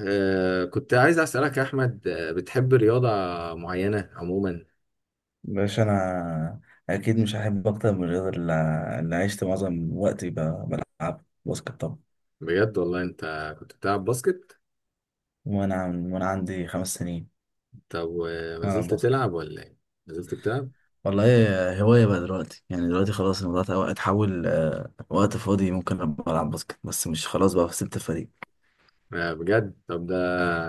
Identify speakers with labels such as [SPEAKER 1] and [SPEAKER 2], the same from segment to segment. [SPEAKER 1] آه كنت عايز أسألك يا أحمد، بتحب رياضة معينة عموما؟
[SPEAKER 2] باش انا اكيد مش هحب اكتر من الرياضه اللي عشت معظم وقتي بلعب باسكت طبعا.
[SPEAKER 1] بجد والله أنت كنت بتلعب باسكت.
[SPEAKER 2] وانا عندي 5 سنين
[SPEAKER 1] طب وما
[SPEAKER 2] بلعب
[SPEAKER 1] زلت
[SPEAKER 2] باسكت.
[SPEAKER 1] تلعب ولا إيه؟ ما زلت بتلعب؟
[SPEAKER 2] والله هوايه بقى دلوقتي، يعني دلوقتي خلاص الموضوع اتحول، وقت فاضي ممكن ابقى العب باسكت، بس مش، خلاص بقى سبت الفريق.
[SPEAKER 1] آه بجد. طب، ده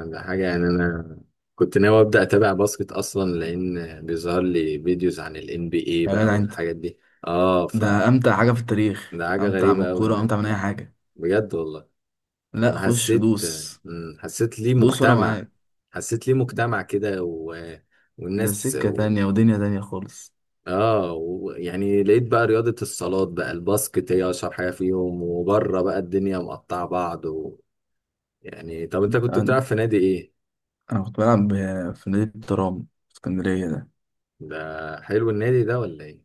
[SPEAKER 1] ده حاجة يعني. أنا كنت ناوي أبدأ أتابع باسكت أصلا، لأن بيظهر لي فيديوز عن ال NBA
[SPEAKER 2] يا
[SPEAKER 1] بقى
[SPEAKER 2] جدع انت،
[SPEAKER 1] والحاجات دي. آه ف
[SPEAKER 2] ده امتع حاجه في التاريخ،
[SPEAKER 1] ده حاجة
[SPEAKER 2] امتع من
[SPEAKER 1] غريبة أوي
[SPEAKER 2] الكوره، امتع من اي
[SPEAKER 1] إنك،
[SPEAKER 2] حاجه.
[SPEAKER 1] بجد والله.
[SPEAKER 2] لا،
[SPEAKER 1] أنا
[SPEAKER 2] خش
[SPEAKER 1] حسيت،
[SPEAKER 2] دوس.
[SPEAKER 1] حسيت ليه
[SPEAKER 2] دوس وانا
[SPEAKER 1] مجتمع،
[SPEAKER 2] معاك.
[SPEAKER 1] كده، و
[SPEAKER 2] ده
[SPEAKER 1] والناس
[SPEAKER 2] سكه تانية ودنيا تانية خالص.
[SPEAKER 1] اه، يعني لقيت بقى رياضة الصالات بقى الباسكت هي اشهر حاجة فيهم، وبره بقى الدنيا مقطعة بعض و... يعني طب انت كنت بتلعب
[SPEAKER 2] انا
[SPEAKER 1] في نادي ايه؟
[SPEAKER 2] أنا كنت بلعب في نادي الترام في اسكندريه. ده
[SPEAKER 1] ده حلو النادي ده ولا ايه؟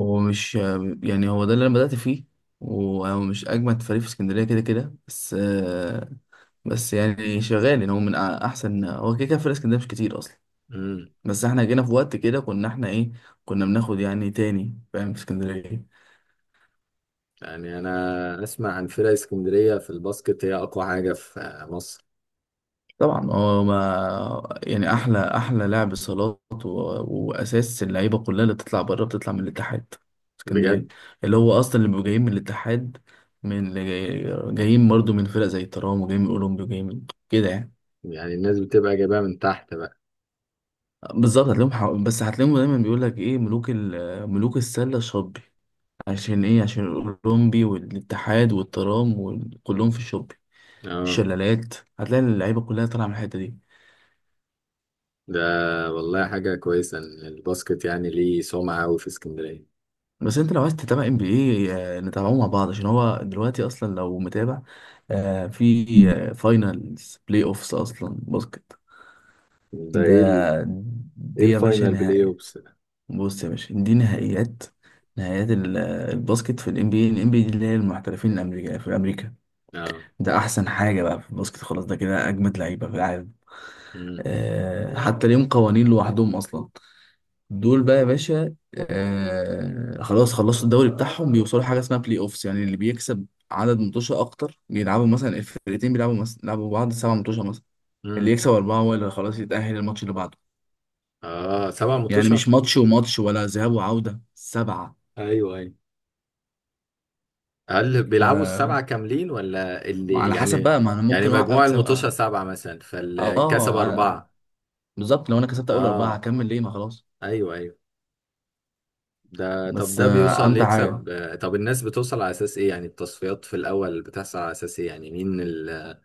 [SPEAKER 2] هو مش يعني هو ده اللي انا بدأت فيه، وهو مش اجمد فريق في اسكندريه كده كده، بس بس يعني شغال، يعني هو احسن، هو كده كده فريق اسكندريه مش كتير اصلا.
[SPEAKER 1] امم.
[SPEAKER 2] بس احنا جينا في وقت كده، كنا احنا ايه، كنا بناخد يعني تاني فاهم في اسكندريه.
[SPEAKER 1] يعني انا اسمع عن فرق اسكندرية في الباسكت هي اقوى حاجة في مصر.
[SPEAKER 2] طبعا هو ما يعني احلى احلى لاعب صالات، و... واساس اللعيبه كلها اللي بتطلع بره بتطلع من الاتحاد اسكندريه،
[SPEAKER 1] بجد.
[SPEAKER 2] اللي هو اصلا اللي بيبقوا جايين من الاتحاد، من جايين برضه من فرق زي الترام، وجايين من اولمبي، وجايين من كده يعني.
[SPEAKER 1] يعني الناس بتبقى جايبها من تحت بقى.
[SPEAKER 2] بالظبط، بس هتلاقيهم دايما بيقول لك ايه، ملوك ملوك السله الشطبي، عشان ايه، عشان الاولمبي والاتحاد والترام وكلهم في الشطبي
[SPEAKER 1] اه.
[SPEAKER 2] الشلالات، هتلاقي اللعيبه كلها طالعه من الحته دي.
[SPEAKER 1] ده والله حاجة كويسة ان الباسكت يعني ليه سمعة أوي في اسكندرية.
[SPEAKER 2] بس انت لو عايز تتابع NBA نتابعوه مع بعض، عشان هو دلوقتي اصلا لو متابع في فاينلز بلاي اوفس اصلا باسكت.
[SPEAKER 1] ده ايه
[SPEAKER 2] ده
[SPEAKER 1] ال... ايه
[SPEAKER 2] دي يا باشا
[SPEAKER 1] الفاينل بلاي
[SPEAKER 2] نهائي.
[SPEAKER 1] اوبس ده؟
[SPEAKER 2] بص يا باشا، دي نهائيات، الباسكت في الNBA. الNBA دي اللي هي المحترفين الامريكا في امريكا.
[SPEAKER 1] اه.
[SPEAKER 2] ده احسن حاجه بقى في الباسكت، خلاص ده كده اجمد لعيبه في العالم. حتى ليهم قوانين لوحدهم اصلا. دول بقى يا باشا، خلاص خلصوا الدوري بتاعهم، بيوصلوا حاجه اسمها بلاي اوفس، يعني اللي بيكسب عدد متوشه اكتر بيلعبوا، مثلا الفرقتين بيلعبوا مثلا بعض 7 متوشه مثلا. اللي
[SPEAKER 1] امم.
[SPEAKER 2] يكسب 4 هو اللي خلاص يتاهل الماتش اللي بعده.
[SPEAKER 1] اه، سبعة
[SPEAKER 2] يعني مش
[SPEAKER 1] مطوشة.
[SPEAKER 2] ماتش وماتش ولا ذهاب وعوده، 7.
[SPEAKER 1] ايوه، ايوه. هل
[SPEAKER 2] ف
[SPEAKER 1] بيلعبوا السبعة كاملين ولا اللي
[SPEAKER 2] على حسب
[SPEAKER 1] يعني؟
[SPEAKER 2] بقى، ما انا
[SPEAKER 1] يعني
[SPEAKER 2] ممكن
[SPEAKER 1] مجموع
[SPEAKER 2] اكسب،
[SPEAKER 1] المطوشة
[SPEAKER 2] اه.
[SPEAKER 1] سبعة مثلا
[SPEAKER 2] آه،
[SPEAKER 1] فالكسب
[SPEAKER 2] آه. آه،
[SPEAKER 1] أربعة.
[SPEAKER 2] بالظبط، لو انا كسبت اول 4
[SPEAKER 1] اه،
[SPEAKER 2] هكمل ليه، ما خلاص.
[SPEAKER 1] ايوه ايوه. طب
[SPEAKER 2] بس
[SPEAKER 1] ده بيوصل
[SPEAKER 2] امتع حاجه.
[SPEAKER 1] ليكسب. طب الناس بتوصل على أساس ايه؟ يعني التصفيات في الأول بتحصل على أساس ايه؟ يعني مين اللي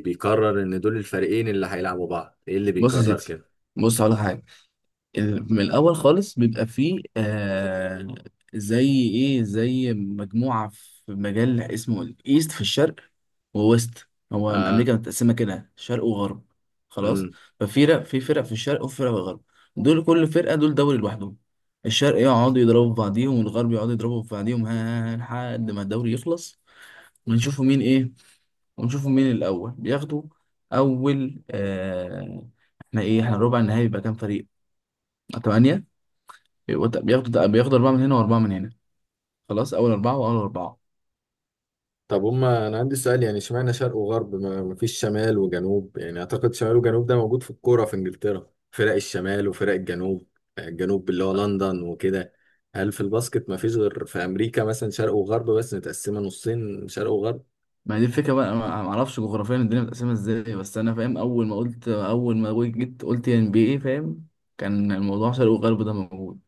[SPEAKER 1] بيقرر ان دول الفريقين اللي هيلعبوا بعض؟ ايه اللي
[SPEAKER 2] بص يا
[SPEAKER 1] بيقرر
[SPEAKER 2] سيدي،
[SPEAKER 1] كده؟
[SPEAKER 2] بص على حاجه. من الاول خالص بيبقى فيه زي ايه، زي مجموعه في مجال اسمه الايست في الشرق، وويست. هو
[SPEAKER 1] اه.
[SPEAKER 2] امريكا متقسمه كده شرق وغرب، خلاص. ففي فرق في فرق في الشرق وفي فرق في الغرب، دول كل فرقه دول دوري لوحدهم. الشرق يقعدوا يضربوا في بعضيهم والغرب يقعدوا يضربوا في بعضيهم، ها ها ها، لحد ما الدوري يخلص. ونشوفوا مين ايه ونشوفوا مين الأول بياخدوا أول. احنا إيه، احنا ربع النهائي بيبقى كام فريق؟ 8. بياخدوا 4 من هنا وأربعة من هنا، خلاص أول 4 وأول أربعة.
[SPEAKER 1] طب هما، انا عندي سؤال، يعني اشمعنى شرق وغرب، ما فيش شمال وجنوب؟ يعني اعتقد شمال وجنوب ده موجود في الكوره في انجلترا، فرق الشمال وفرق الجنوب، يعني الجنوب اللي هو لندن وكده. هل في الباسكت ما فيش غير في امريكا مثلا شرق وغرب بس، متقسمه نصين شرق وغرب؟
[SPEAKER 2] ما هي دي الفكرة بقى، أنا ما أعرفش جغرافيا الدنيا متقسمة إزاي، بس أنا فاهم. أول ما جيت قلت NBA فاهم، كان الموضوع شرق وغرب ده موجود.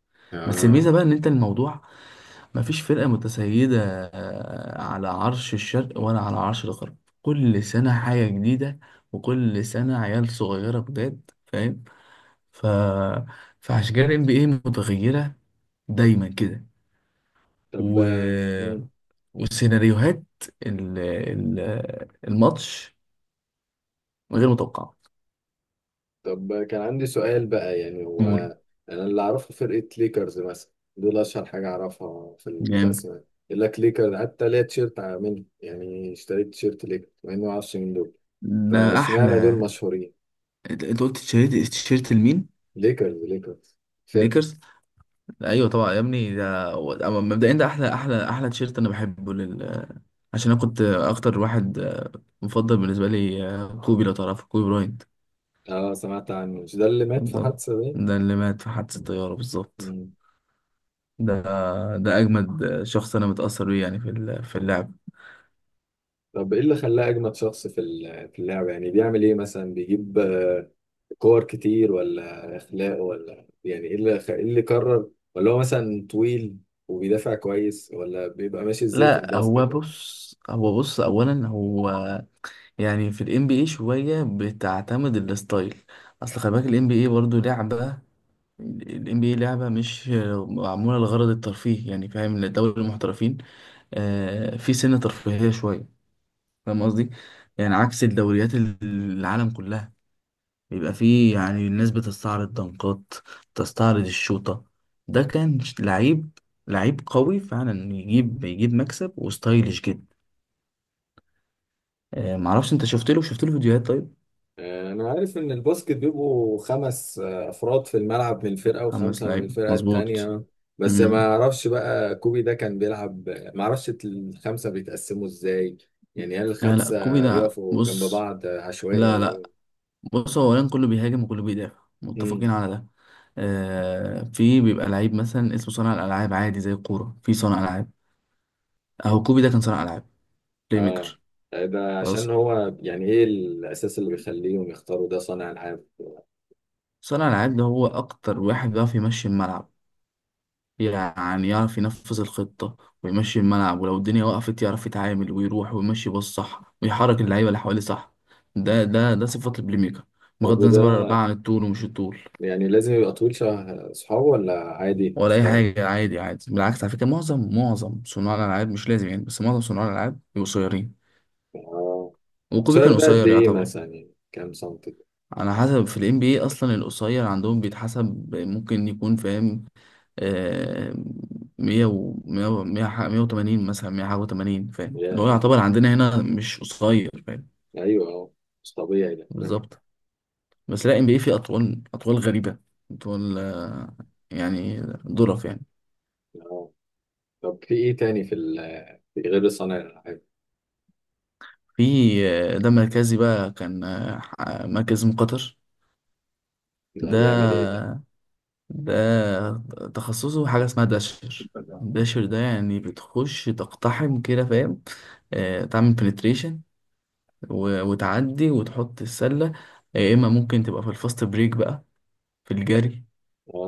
[SPEAKER 2] بس
[SPEAKER 1] اه.
[SPEAKER 2] الميزة بقى إن أنت الموضوع مفيش فرقة متسيدة على عرش الشرق ولا على عرش الغرب. كل سنة حاجة جديدة، وكل سنة عيال صغيرة جداد فاهم. ف... فعشان كده ال NBA متغيرة دايما كده.
[SPEAKER 1] طب.
[SPEAKER 2] و...
[SPEAKER 1] مم.
[SPEAKER 2] والسيناريوهات ال... ال... الماتش غير متوقعة.
[SPEAKER 1] طب كان عندي سؤال بقى، يعني هو،
[SPEAKER 2] قول.
[SPEAKER 1] انا اللي اعرفه فرقه ليكرز مثلا، دول اشهر حاجه اعرفها في
[SPEAKER 2] جامد.
[SPEAKER 1] البسمه. يقول لك ليكرز، حتى ليا تيشيرت منه، يعني اشتريت تيشيرت ليكرز مع اني ما اعرفش مين دول.
[SPEAKER 2] ده
[SPEAKER 1] فاشمعنى دول
[SPEAKER 2] أحلى.
[SPEAKER 1] مشهورين؟
[SPEAKER 2] أنت قلت تيشيرت، لمين؟
[SPEAKER 1] ليكرز، ليكرز، فرق.
[SPEAKER 2] ليكرز. ايوه طبعا يا ابني، أما مبدئيا ده احلى احلى احلى تيشيرت انا بحبه، عشان انا كنت اكتر واحد مفضل بالنسبه لي كوبي لو تعرفه، كوبي براينت.
[SPEAKER 1] اه، سمعت عنه، مش ده اللي مات في
[SPEAKER 2] بالظبط،
[SPEAKER 1] حادثة دي؟
[SPEAKER 2] ده اللي مات في حادثه الطياره، بالظبط.
[SPEAKER 1] مم.
[SPEAKER 2] ده ده اجمد شخص انا متاثر بيه، يعني في اللعب.
[SPEAKER 1] طب ايه اللي خلاه اجمد شخص في في اللعبة؟ يعني بيعمل ايه مثلا؟ بيجيب كور كتير، ولا اخلاق، ولا يعني إيه اللي قرر؟ ولا هو مثلا طويل وبيدافع كويس، ولا بيبقى ماشي ازاي في
[SPEAKER 2] لا، هو
[SPEAKER 1] الباسكت؟
[SPEAKER 2] بص، اولا هو يعني في الNBA شويه بتعتمد الستايل. اصل خلي بالك الNBA برضه لعبه. الام بي اي لعبه مش معموله لغرض الترفيه، يعني فاهم لدوري المحترفين. في سنة ترفيهية شوية، فاهم قصدي، يعني عكس الدوريات العالم كلها، بيبقى فيه يعني الناس بتستعرض دنقات، تستعرض الشوطة. ده كان لعيب، لعيب قوي فعلا، يجيب مكسب، وستايلش جدا. معرفش انت شفت له فيديوهات؟ طيب.
[SPEAKER 1] انا عارف ان الباسكت بيبقوا خمس افراد في الملعب من الفرقه،
[SPEAKER 2] خمس
[SPEAKER 1] وخمسه من
[SPEAKER 2] لعيبة
[SPEAKER 1] الفرقه
[SPEAKER 2] مظبوط.
[SPEAKER 1] التانيه، بس ما
[SPEAKER 2] امم
[SPEAKER 1] اعرفش بقى كوبي ده كان بيلعب، ما اعرفش الخمسه بيتقسموا ازاي. يعني هل
[SPEAKER 2] لا لا، كوبي
[SPEAKER 1] الخمسه
[SPEAKER 2] ده
[SPEAKER 1] بيقفوا جنب
[SPEAKER 2] بص.
[SPEAKER 1] بعض عشوائي
[SPEAKER 2] لا
[SPEAKER 1] ولا بي...؟
[SPEAKER 2] لا. بص هو اولا، كله بيهاجم وكله بيدافع متفقين
[SPEAKER 1] امم.
[SPEAKER 2] على ده. في بيبقى لعيب مثلا اسمه صانع الالعاب، عادي زي الكوره في صانع العاب، اهو كوبي ده كان صانع العاب، بلاي
[SPEAKER 1] اه.
[SPEAKER 2] ميكر.
[SPEAKER 1] ده عشان
[SPEAKER 2] خلاص،
[SPEAKER 1] هو، يعني ايه الاساس اللي بيخليهم يختاروا ده صانع العاب؟
[SPEAKER 2] صانع العاب ده هو اكتر واحد بيعرف يمشي الملعب، يعني يعرف ينفذ الخطة ويمشي الملعب، ولو الدنيا وقفت يعرف يتعامل ويروح ويمشي باص صح، ويحرك اللعيبة اللي حواليه صح. ده صفات البلاي ميكر،
[SPEAKER 1] طب
[SPEAKER 2] بغض النظر
[SPEAKER 1] وده،
[SPEAKER 2] بقى عن الطول ومش الطول.
[SPEAKER 1] يعني لازم يبقى طويل شبه صحابه ولا عادي
[SPEAKER 2] ولا
[SPEAKER 1] مش
[SPEAKER 2] اي
[SPEAKER 1] فارق؟
[SPEAKER 2] حاجة، عادي عادي، بالعكس. على فكرة، معظم صناع الالعاب مش لازم، يعني، بس معظم صناع الالعاب بيبقوا قصيرين،
[SPEAKER 1] اه.
[SPEAKER 2] وكوبي
[SPEAKER 1] الشهر
[SPEAKER 2] كان
[SPEAKER 1] ده قد
[SPEAKER 2] قصير
[SPEAKER 1] ايه
[SPEAKER 2] يعتبر.
[SPEAKER 1] مثلا؟ يعني كام سنتي؟
[SPEAKER 2] على حسب، في الNB اصلا القصير عندهم بيتحسب، ممكن يكون فاهم. آه، 180 مثلا، مية حاجة وتمانين فاهم، اللي هو يعتبر عندنا هنا مش قصير، فاهم.
[SPEAKER 1] ايوه، اه، مش طبيعي ده، اه.
[SPEAKER 2] بالظبط. بس لا NBA فيه أطوال، أطوال غريبة، أطوال يعني ظرف يعني.
[SPEAKER 1] آه. طب في ايه تاني في في غير صانع الالعاب؟
[SPEAKER 2] في ده مركزي بقى كان مركز من قطر.
[SPEAKER 1] ده
[SPEAKER 2] ده
[SPEAKER 1] بيعمل ايه ده؟
[SPEAKER 2] ده تخصصه حاجة اسمها داشر. الداشر ده يعني بتخش تقتحم كده فاهم. تعمل بنتريشن وتعدي وتحط السلة. يا إما ممكن تبقى في الفاست بريك بقى، في الجري،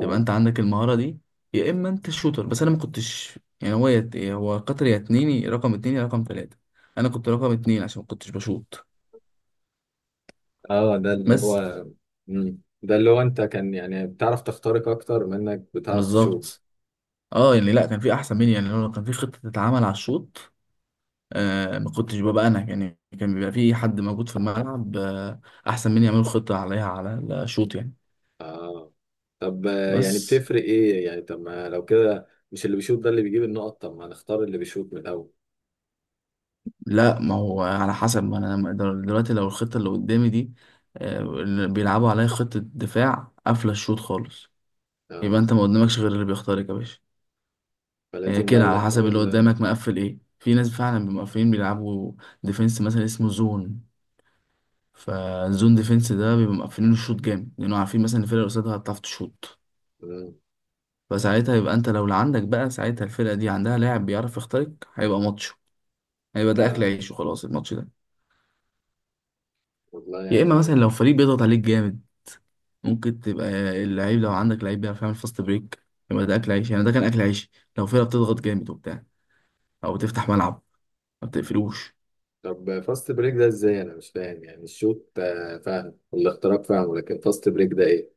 [SPEAKER 2] تبقى أنت عندك المهارة دي، يا إما أنت الشوتر. بس أنا ما كنتش، يعني، هو قطر يا 2، يا رقم 2 يا رقم 3. أنا كنت رقم 2 عشان ما كنتش بشوط.
[SPEAKER 1] اه. ده اللي
[SPEAKER 2] بس.
[SPEAKER 1] هو، مم. ده اللي هو انت كان، يعني بتعرف تخترق اكتر منك، بتعرف تشوف.
[SPEAKER 2] بالظبط. اه، يعني لا كان في أحسن مني. يعني لو كان في خطة تتعمل على الشوط ما كنتش ببقى أنا، يعني كان بيبقى في حد موجود في الملعب أحسن مني يعمل خطة عليها على الشوط يعني.
[SPEAKER 1] اه. طب يعني
[SPEAKER 2] بس
[SPEAKER 1] بتفرق ايه؟ يعني طب ما لو كده، مش اللي بيشوط ده اللي بيجيب النقط؟ طب ما نختار اللي بيشوط من الاول.
[SPEAKER 2] لا، ما هو على حسب، ما انا دلوقتي لو الخطه اللي قدامي دي اللي بيلعبوا عليا خطه دفاع قافله الشوط خالص، يبقى
[SPEAKER 1] اه،
[SPEAKER 2] انت ما قدامكش غير اللي بيختارك يا باشا. هي
[SPEAKER 1] فلازم بقى
[SPEAKER 2] كده
[SPEAKER 1] اللي
[SPEAKER 2] على حسب
[SPEAKER 1] يخترق
[SPEAKER 2] اللي
[SPEAKER 1] ده.
[SPEAKER 2] قدامك مقفل ايه. في ناس فعلا بيبقوا مقفلين بيلعبوا ديفنس مثلا اسمه زون، فالزون ديفنس ده بيبقوا مقفلين الشوط جامد لانه عارفين مثلا الفرقه اللي قصادها هتعرف تشوط.
[SPEAKER 1] مم.
[SPEAKER 2] فساعتها يبقى انت لو اللي عندك بقى، ساعتها الفرقه دي عندها لاعب بيعرف يخترق، هيبقى ماتش، هيبقى ده اكل
[SPEAKER 1] اه،
[SPEAKER 2] عيش وخلاص الماتش ده.
[SPEAKER 1] والله
[SPEAKER 2] يا اما مثلا
[SPEAKER 1] يعني.
[SPEAKER 2] لو فريق بيضغط عليك جامد، ممكن تبقى اللعيب، لو عندك لعيب بيعرف يعمل فاست بريك، يبقى ده اكل عيش، يعني ده كان اكل عيش، لو فرقه بتضغط جامد وبتاع، او بتفتح ملعب ما بتقفلوش.
[SPEAKER 1] طب فاست بريك ده ازاي؟ انا مش فاهم. يعني الشوط فاهم، والاختراق فاهم، لكن فاست بريك ده ايه؟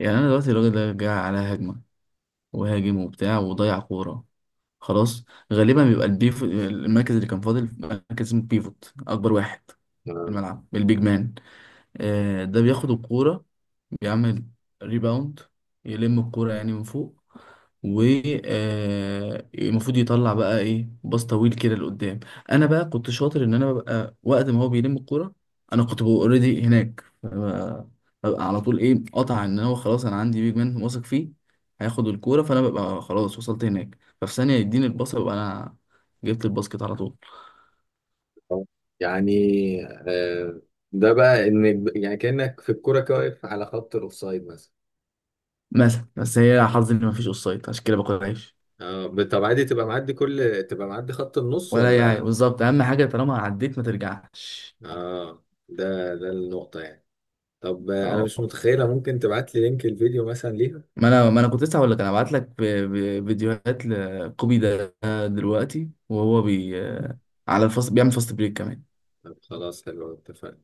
[SPEAKER 2] يعني انا دلوقتي الراجل ده جاي على هجمه وهاجم وبتاع وضيع كوره، خلاص، غالبا بيبقى البيف المركز اللي كان فاضل، مركز اسمه بيفوت اكبر واحد في
[SPEAKER 1] آه،
[SPEAKER 2] الملعب، البيج مان. ده بياخد الكوره، بيعمل ريباوند، يلم الكورة يعني من فوق، والمفروض يطلع بقى ايه باص طويل كده لقدام. انا بقى كنت شاطر ان انا ببقى وقت ما هو بيلم الكورة، انا كنت ببقى اوريدي هناك، ببقى على طول ايه قطع، ان هو خلاص انا عندي بيج مان واثق فيه هياخد الكورة، فانا ببقى خلاص وصلت هناك، ففي ثانية يديني الباص ببقى انا جبت الباسكت على طول.
[SPEAKER 1] آه. يعني آه، ده بقى ان يعني كأنك في الكوره كده واقف على خط الاوفسايد مثلا.
[SPEAKER 2] مثلا. بس هي حظي ان مفيش اوفسايد عشان كده باكل عيش.
[SPEAKER 1] اه. طب عادي تبقى معدي، كل تبقى معدي خط النص
[SPEAKER 2] ولا يعني
[SPEAKER 1] ولا؟
[SPEAKER 2] بالظبط، اهم حاجه طالما عديت ما ترجعش.
[SPEAKER 1] اه، ده النقطة يعني. طب انا مش
[SPEAKER 2] اه،
[SPEAKER 1] متخيلة، ممكن تبعت لي لينك الفيديو مثلا ليها؟
[SPEAKER 2] ما انا كنت لسه هقول لك، انا هبعت لك فيديوهات لكوبي ده، دلوقتي وهو على الفاست، بيعمل فاست بريك كمان.
[SPEAKER 1] طب خلاص، حلو، اتفقنا.